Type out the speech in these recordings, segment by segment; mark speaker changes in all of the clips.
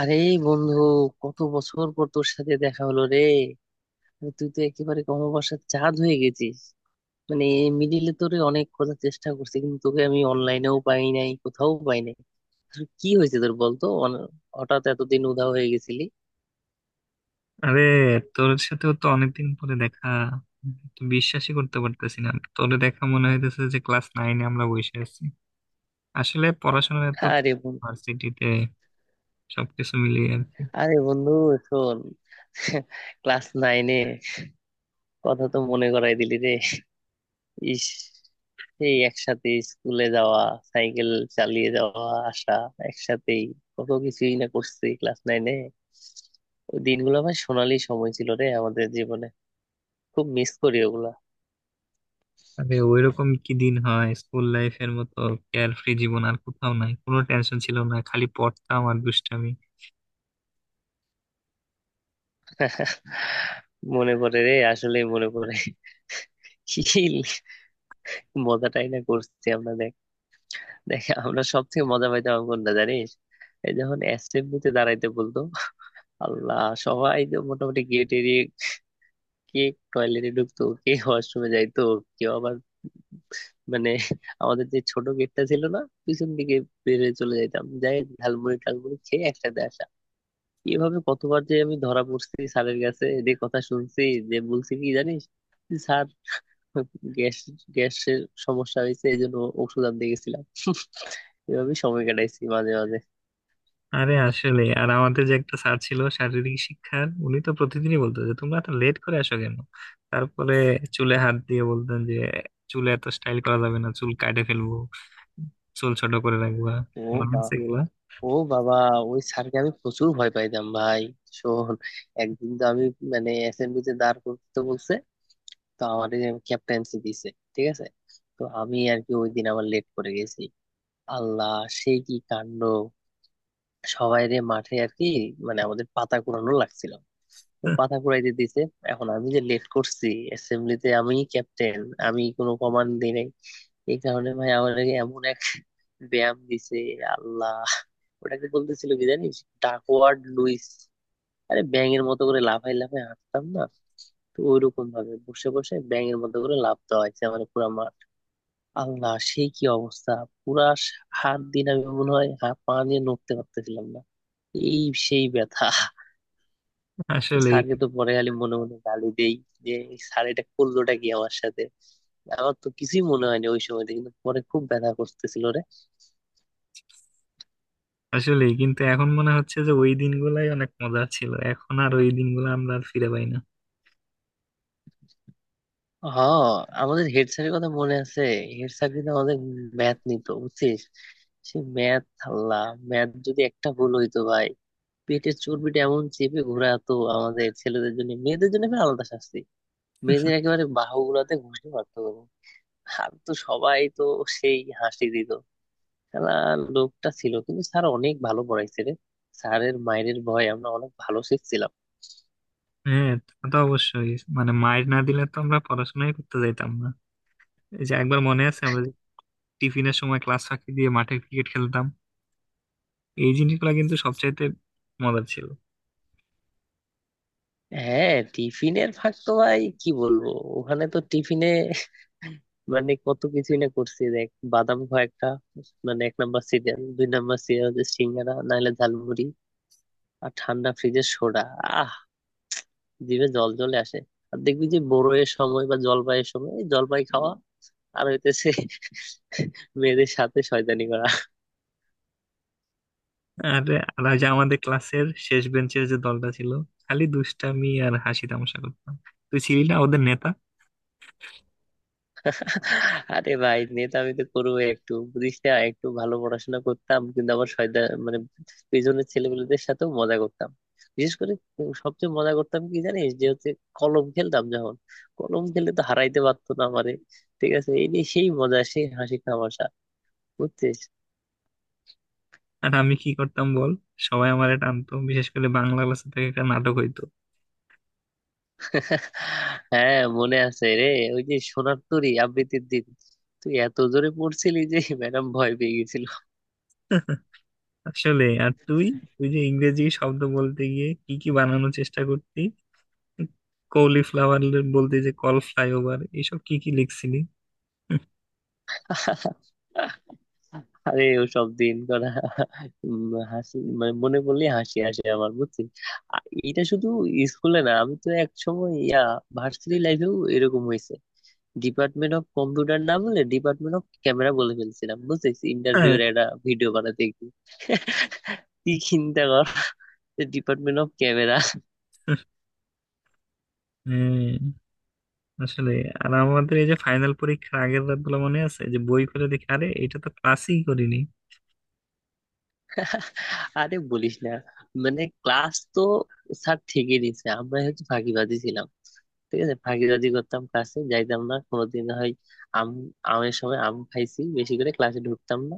Speaker 1: আরে বন্ধু, কত বছর পর তোর সাথে দেখা হলো রে! আরে তুই তো একেবারে অমাবস্যার চাঁদ হয়ে গেছিস। মানে মিডিলে তোরে অনেক খোঁজার চেষ্টা করছি, কিন্তু তোকে আমি অনলাইনেও পাই নাই, কোথাও পাই নাই। আসলে কি হয়েছে তোর বলতো? হঠাৎ এতদিন উধাও হয়ে গেছিলি?
Speaker 2: আরে, তোর সাথেও তো অনেকদিন পরে দেখা। তো বিশ্বাসই করতে পারতেছি না। তোরে দেখা মনে হইতেছে যে ক্লাস নাইনে আমরা বসে আছি। আসলে পড়াশোনা এত
Speaker 1: আরে বন্ধু
Speaker 2: ভার্সিটিতে সবকিছু মিলিয়ে আর কি।
Speaker 1: আরে বন্ধু শোন। ক্লাস নাইনে কথা তো মনে করাই দিলি রে! ইস, এই একসাথে স্কুলে যাওয়া, সাইকেল চালিয়ে যাওয়া, আসা একসাথেই, কত কিছুই না করছি ক্লাস নাইনে। ওই দিনগুলো ভাই সোনালি সময় ছিল রে আমাদের জীবনে। খুব মিস করি ওগুলা।
Speaker 2: আরে ওইরকম কি দিন হয় স্কুল লাইফের মতো? কেয়ার ফ্রি জীবন আর কোথাও নাই, কোনো টেনশন ছিল না, খালি পড়তাম আর দুষ্টামি।
Speaker 1: মনে পড়ে রে, আসলেই মনে পড়ে। কি মজাটাই না করছি আমরা, দেখ! দেখ আমরা সব থেকে মজা পাইতাম কোনটা জানিস? এই যখন অ্যাসেম্বলিতে দাঁড়াইতে বলতো, আল্লাহ! সবাই তো মোটামুটি গেট এড়িয়ে, কে টয়লেটে ঢুকতো, কে ওয়াশরুমে যাইতো, কেউ আবার মানে আমাদের যে ছোট গেটটা ছিল না পিছন দিকে, বের হয়ে চলে যাইতাম, যাই ঝালমুড়ি টালমুড়ি খেয়ে একসাথে আসা। এভাবে কতবার যে আমি ধরা পড়ছি স্যারের কাছে, এদের কথা শুনছি। যে বলছি কি জানিস, স্যার গ্যাস গ্যাসের সমস্যা হয়েছে, এই জন্য ওষুধ আনতে গেছিলাম। এভাবে সময় কাটাইছি মাঝে মাঝে।
Speaker 2: আরে আসলে আমাদের যে একটা স্যার ছিল শারীরিক শিক্ষার, উনি তো প্রতিদিনই বলতো যে তোমরা তো লেট করে আসো কেন। তারপরে চুলে হাত দিয়ে বলতেন যে চুলে এত স্টাইল করা যাবে না, চুল কাটে ফেলবো, চুল ছোট করে রাখবা।
Speaker 1: ও
Speaker 2: মনে
Speaker 1: বা
Speaker 2: আছে এগুলা?
Speaker 1: ও বাবা! ওই স্যারকে আমি প্রচুর ভয় পাইতাম ভাই। শোন, একদিন তো আমি মানে অ্যাসেম্বলিতে দাঁড় করতে বলছে, তো আমার ক্যাপ্টেন্সি দিছে, ঠিক আছে। তো আমি আর কি ওই দিন আবার লেট করে গেছি। আল্লাহ, সে কি কাণ্ড! সবাই রে মাঠে আর কি, মানে আমাদের পাতা কুড়ানো লাগছিল, তো পাতা কুড়াইতে দিছে। এখন আমি যে লেট করছি, অ্যাসেম্বলিতে আমি ক্যাপ্টেন, আমি কোনো কমান্ড দিই নাই। এই কারণে ভাই আমার এমন এক ব্যায়াম দিছে, আল্লাহ! ওটাকে বলতেছিল কি জানিস? Duckworth Luis. আরে ব্যাঙের মতো করে লাফাই লাফাই হাঁটতাম না? তো ওইরকম ভাবে বসে বসে ব্যাঙের মতো করে লাফ দেওয়া হয়েছে আমার পুরো। আল্লাহ সেই কি অবস্থা! পুরা হাত দিন, আমি মনে হয় হাত পা নিয়ে নড়তে পারতেছিলাম না, এই সেই ব্যথা।
Speaker 2: আসলেই
Speaker 1: স্যারকে তো পরে খালি মনে মনে গালি দেই, যে এই স্যার এটা করলোটা কি আমার সাথে। আমার তো কিছুই মনে হয়নি ওই সময়তে, কিন্তু পরে খুব ব্যথা করতেছিল রে।
Speaker 2: আসলেই কিন্তু এখন মনে হচ্ছে যে ওই দিনগুলাই অনেক মজা ছিল, এখন আর ওই দিনগুলো আমরা আর ফিরে পাই না।
Speaker 1: হ্যাঁ, আমাদের হেড স্যারের কথা মনে আছে? হেড স্যার কিন্তু আমাদের ম্যাথ নিত, বুঝছিস। সে ম্যাথ, আল্লাহ! ম্যাথ যদি একটা ভুল হইতো ভাই, পেটের চর্বিটা এমন চেপে ঘোরাতো আমাদের। ছেলেদের জন্য, মেয়েদের জন্য ফের আলাদা শাস্তি। বেদের একেবারে বাহুগুলাতে ঘুষে মারতো গরু। আর তো সবাই তো সেই হাসি দিত খেলা। লোকটা ছিল কিন্তু, স্যার অনেক ভালো পড়াইছে রে। স্যারের মায়ের ভয় আমরা অনেক ভালো শিখছিলাম।
Speaker 2: হ্যাঁ, তা তো অবশ্যই। মানে মায়ের না দিলে তো আমরা পড়াশোনাই করতে যাইতাম না। এই যে একবার মনে আছে আমরা যে টিফিনের সময় ক্লাস ফাঁকি দিয়ে মাঠে ক্রিকেট খেলতাম, এই জিনিসগুলো কিন্তু সবচাইতে মজার ছিল।
Speaker 1: হ্যাঁ, টিফিনের ফাঁক তো ভাই কি বলবো! ওখানে তো টিফিনে মানে কত কিছুই না করছি, দেখ। বাদাম খোয়া একটা, মানে এক নাম্বার সিরিয়াল দুই নাম্বার সিরিয়াল হচ্ছে সিঙ্গারা, নাহলে ঝালমুড়ি। আর ঠান্ডা ফ্রিজের সোডা, আহ, জিভে জল চলে আসে। আর দেখবি যে বড়োয়ের সময় বা জলপাইয়ের সময় এই জলপাই খাওয়া। আর হইতেছে মেয়েদের সাথে শয়তানি করা।
Speaker 2: আর আর ওই যে আমাদের ক্লাসের শেষ বেঞ্চের যে দলটা ছিল, খালি দুষ্টামি আর হাসি তামাশা করতাম। তুই ছিলি না ওদের নেতা?
Speaker 1: আরে ভাই নেতা আমি তো করবো একটু, বুঝিস না, একটু ভালো পড়াশোনা করতাম কিন্তু আবার শয়তান মানে, পেছনের ছেলেপেলেদের সাথেও মজা করতাম। বিশেষ করে সবচেয়ে মজা করতাম কি জানিস, যে হচ্ছে কলম খেলতাম যখন, কলম খেলে তো হারাইতে পারতো না আমারে। ঠিক আছে, এই নিয়ে সেই মজা সেই হাসি তামাশা, বুঝছিস।
Speaker 2: আর আমি কি করতাম বল, সবাই আমারে টানতো বিশেষ করে বাংলা ক্লাসে, থেকে একটা নাটক হইতো।
Speaker 1: হ্যাঁ মনে আছে রে। ওই যে সোনার তরী আবৃত্তির দিন, তুই এত জোরে পড়ছিলি যে ম্যাডাম ভয় পেয়ে গেছিল।
Speaker 2: আসলে আর তুই তুই যে ইংরেজি শব্দ বলতে গিয়ে কি কি বানানোর চেষ্টা করতি, কলিফ্লাওয়ার বলতে যে কল ফ্লাইওভার এইসব কি কি লিখছিলি।
Speaker 1: আরে ওসব দিন করা, উম, হাসি মানে মনে পড়লে হাসি আসে আমার, বুঝছিস। আ- এটা শুধু স্কুলে না, আমি তো এক সময় ইয়া, ভার্সিটি লাইফেও এরকম হয়েছে। ডিপার্টমেন্ট অফ কম্পিউটার না বলে ডিপার্টমেন্ট অফ ক্যামেরা বলে ফেলছিলাম, বুঝছিস,
Speaker 2: হ্যাঁ,
Speaker 1: ইন্টারভিউ এর একটা ভিডিও বানাতে গিয়ে। কি চিন্তা কর, ডিপার্টমেন্ট অফ ক্যামেরা!
Speaker 2: হ্যাঁ। আসলে আমাদের এই যে ফাইনাল পরীক্ষার আগের রাত গুলো মনে আছে যে বই খুলে দেখি আরে এটা তো ক্লাসই করিনি।
Speaker 1: আরে বলিস না, মানে ক্লাস তো স্যার ঠিকই নিছে, আমরা হচ্ছে ফাঁকিবাজি ছিলাম। ঠিক আছে, ফাঁকিবাজি করতাম, ক্লাসে যাইতাম না কোনোদিন হয়। আম আমের সময় আম খাইছি বেশি করে, ক্লাসে ঢুকতাম না।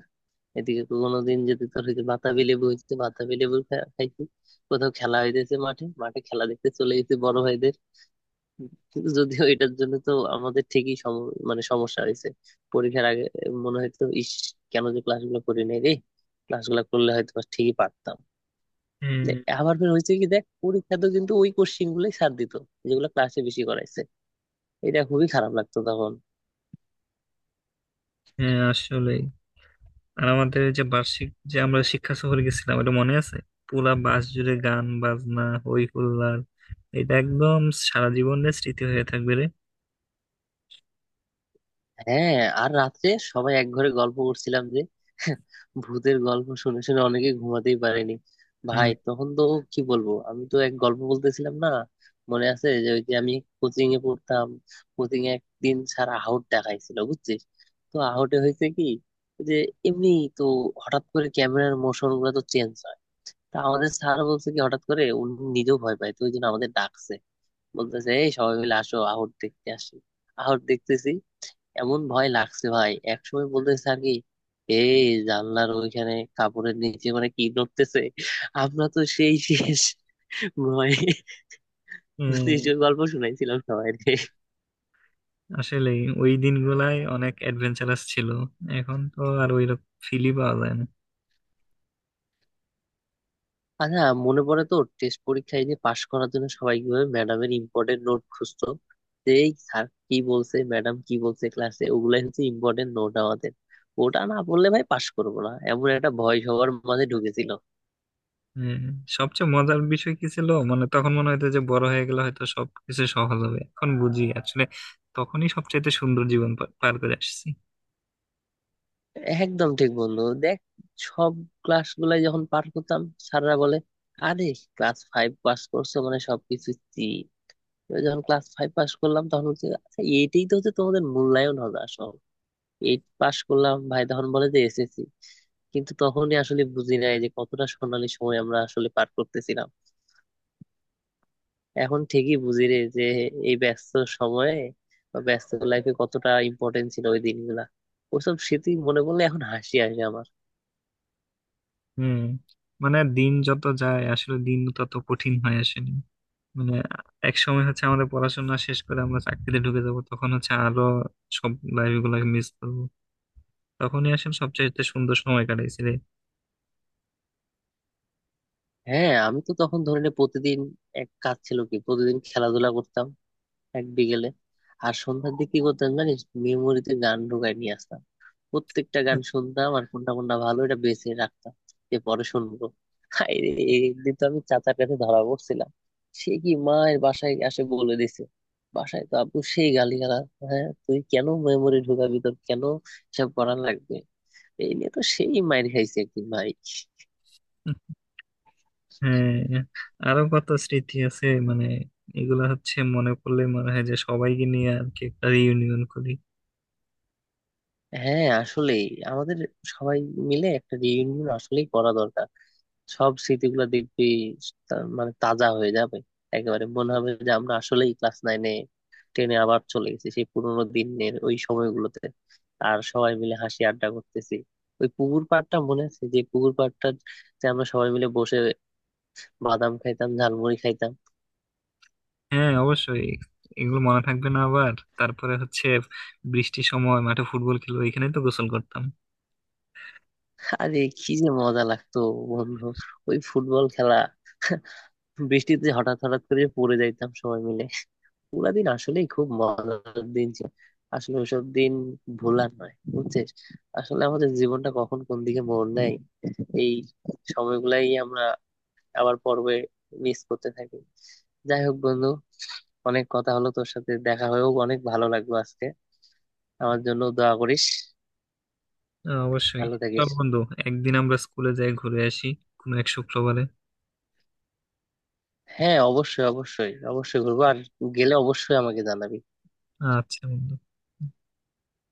Speaker 1: এদিকে কোনোদিন যদি তোর হচ্ছে বাতাবি লেবু, হচ্ছে বাতাবি লেবু খাইছি। কোথাও খেলা হইতেছে মাঠে মাঠে, খেলা দেখতে চলে গেছি বড় ভাইদের। কিন্তু যদিও এটার জন্য তো আমাদের ঠিকই মানে সমস্যা হয়েছে পরীক্ষার আগে। মনে হয়তো ইস, কেন যে ক্লাসগুলো করি নাই রে। ক্লাসগুলো করলে হয়তো বা ঠিকই পারতাম।
Speaker 2: হুম।
Speaker 1: আবার ফের হয়েছে কি, দেখ পরীক্ষাতে কিন্তু ওই কোশ্চিন গুলোই স্যার দিত, যেগুলো ক্লাসে বেশি করাইছে। এটা খুবই খারাপ লাগতো তখন।
Speaker 2: হ্যাঁ আসলে আমাদের যে বার্ষিক, যে আমরা শিক্ষা সফরে গেছিলাম, ওটা মনে আছে? পুরা বাস জুড়ে গান বাজনা হই হুল্লার, এটা একদম সারা জীবনের স্মৃতি হয়ে থাকবে রে।
Speaker 1: হ্যাঁ, আর রাত্রে সবাই এক ঘরে গল্প করছিলাম যে। ভূতের গল্প শুনে শুনে অনেকে ঘুমাতেই পারেনি।
Speaker 2: হুম।
Speaker 1: ভাই তখন তো কি বলবো, আমি তো এক গল্প বলতেছিলাম না। মনে আছে, যে ওই যে আমি কোচিং এ পড়তাম। কোচিং এ একদিন স্যার আহট দেখাইছিল, বুঝছিস। তো আহটে হয়েছে কি, যে এমনি তো হঠাৎ করে ক্যামেরার মোশন গুলো তো চেঞ্জ হয়। তা আমাদের স্যার বলছে কি হঠাৎ করে উনি নিজেও ভয় পায়, তো ওই জন্য আমাদের ডাকছে। বলতেছে এই সবাই মিলে আসো আহট দেখতে আসি। আহট দেখতেছি, এমন ভয় লাগছে ভাই, একসময় বলতেছে স্যার কি, এই জানলার ওইখানে কাপড়ের নিচে মানে কি ধরতেছে? আমরা তো সেই শেষ, ভয়
Speaker 2: হম।
Speaker 1: গল্প শুনাইছিলাম সবাই।
Speaker 2: আসলে ওই দিনগুলাই অনেক অ্যাডভেঞ্চারাস ছিল, এখন তো আর ওই ফিলই পাওয়া যায় না।
Speaker 1: আচ্ছা মনে পড়ে তো, টেস্ট পরীক্ষায় যে পাশ করার জন্য সবাই কিভাবে ম্যাডামের ইম্পর্টেন্ট নোট খুঁজতো। যে এই স্যার কি বলছে, ম্যাডাম কি বলছে ক্লাসে, ওগুলাই হচ্ছে ইম্পর্টেন্ট নোট আমাদের। ওটা না পড়লে ভাই পাশ করবো না, এমন একটা ভয় সবার মাঝে ঢুকেছিল।
Speaker 2: হ্যাঁ, সবচেয়ে মজার বিষয় কি ছিল মানে, তখন মনে হতো যে বড় হয়ে গেলে হয়তো সবকিছু সহজ হবে, এখন বুঝি আসলে তখনই সবচেয়ে সুন্দর জীবন পার করে আসছি।
Speaker 1: একদম ঠিক বন্ধু, দেখ সব ক্লাস গুলাই যখন পার করতাম, স্যাররা বলে আরে ক্লাস ফাইভ পাস করছো মানে সবকিছু সি। যখন ক্লাস ফাইভ পাস করলাম তখন হচ্ছে আচ্ছা এইটাই তো হচ্ছে তোমাদের মূল্যায়ন হবে আসলে। এইট পাস করলাম ভাই, তখন বলে যে SSC। কিন্তু তখনই আসলে বুঝি নাই যে কতটা সোনালী সময় আমরা আসলে পার করতেছিলাম। এখন ঠিকই বুঝি রে যে এই ব্যস্ত সময়ে বা ব্যস্ত লাইফে কতটা ইম্পর্টেন্ট ছিল ওই দিনগুলা। ওসব স্মৃতি মনে পড়লে এখন হাসি আসে আমার।
Speaker 2: হুম। মানে দিন যত যায় আসলে দিন তত কঠিন হয়ে আসেনি। মানে এক সময় হচ্ছে আমাদের পড়াশোনা শেষ করে আমরা চাকরিতে ঢুকে যাব, তখন হচ্ছে আরো সব লাইফ গুলাকে মিস করবো। তখনই আসলে সবচেয়ে সুন্দর সময় কাটাইছি রে।
Speaker 1: হ্যাঁ আমি তো তখন ধরে নে প্রতিদিন এক কাজ ছিল কি, প্রতিদিন খেলাধুলা করতাম এক বিকেলে। আর সন্ধ্যার দিকে কি করতাম জানিস, মেমোরিতে গান ঢুকায় নিয়ে আসতাম। প্রত্যেকটা গান শুনতাম আর কোনটা কোনটা ভালো এটা বেছে রাখতাম, যে পরে শুনবো। হায় রে, একদিন তো আমি চাচার কাছে ধরা পড়ছিলাম, সে কি মায়ের বাসায় আসে বলে দিছে। বাসায় তো আপু সেই গালিগালাজ, হ্যাঁ তুই কেন মেমোরি ঢুকাবি, তোর কেন সব করা লাগবে। এই নিয়ে তো সেই মায়ের খাইছে একদিন ভাই।
Speaker 2: হ্যাঁ, আরো কত স্মৃতি আছে মানে, এগুলা হচ্ছে মনে পড়লে মনে হয় যে সবাইকে নিয়ে আর কি একটা রিউনিয়ন করি।
Speaker 1: হ্যাঁ আসলে আমাদের সবাই মিলে একটা রিইউনিয়ন আসলেই করা দরকার। সব স্মৃতিগুলো দেখবি মানে তাজা হয়ে যাবে। একেবারে মনে হবে যে আমরা আসলেই ক্লাস নাইনে টেনে আবার চলে গেছি সেই পুরোনো দিনের ওই সময়গুলোতে। আর সবাই মিলে হাসি আড্ডা করতেছি। ওই পুকুর পাড়টা মনে আছে, যে পুকুর পাড়টা যে আমরা সবাই মিলে বসে বাদাম খাইতাম, ঝালমুড়ি খাইতাম।
Speaker 2: হ্যাঁ, অবশ্যই। এগুলো মনে থাকবে না আবার? তারপরে হচ্ছে বৃষ্টির সময় মাঠে ফুটবল খেলবো, এখানে তো গোসল করতাম।
Speaker 1: আরে কি যে মজা লাগতো বন্ধু, ওই ফুটবল খেলা! বৃষ্টিতে হঠাৎ হঠাৎ করে পড়ে যাইতাম সবাই মিলে। পুরা দিন আসলেই খুব মজার দিন ছিল। আসলে ওইসব দিন ভোলার নয়, বুঝছিস। আসলে আমাদের জীবনটা কখন কোন দিকে মোড় নেয়, এই সময়গুলাই আমরা আবার পর্বে মিস করতে থাকি। যাই হোক বন্ধু, অনেক কথা হলো, তোর সাথে দেখা হয়েও অনেক ভালো লাগলো আজকে। আমার জন্য দোয়া করিস।
Speaker 2: হ্যাঁ, অবশ্যই।
Speaker 1: ভালো
Speaker 2: চল
Speaker 1: থাকিস।
Speaker 2: বন্ধু, একদিন আমরা স্কুলে যাই ঘুরে আসি কোনো এক শুক্রবারে।
Speaker 1: হ্যাঁ অবশ্যই, অবশ্যই, অবশ্যই ঘুরবো, আর গেলে অবশ্যই আমাকে জানাবি।
Speaker 2: আচ্ছা বন্ধু।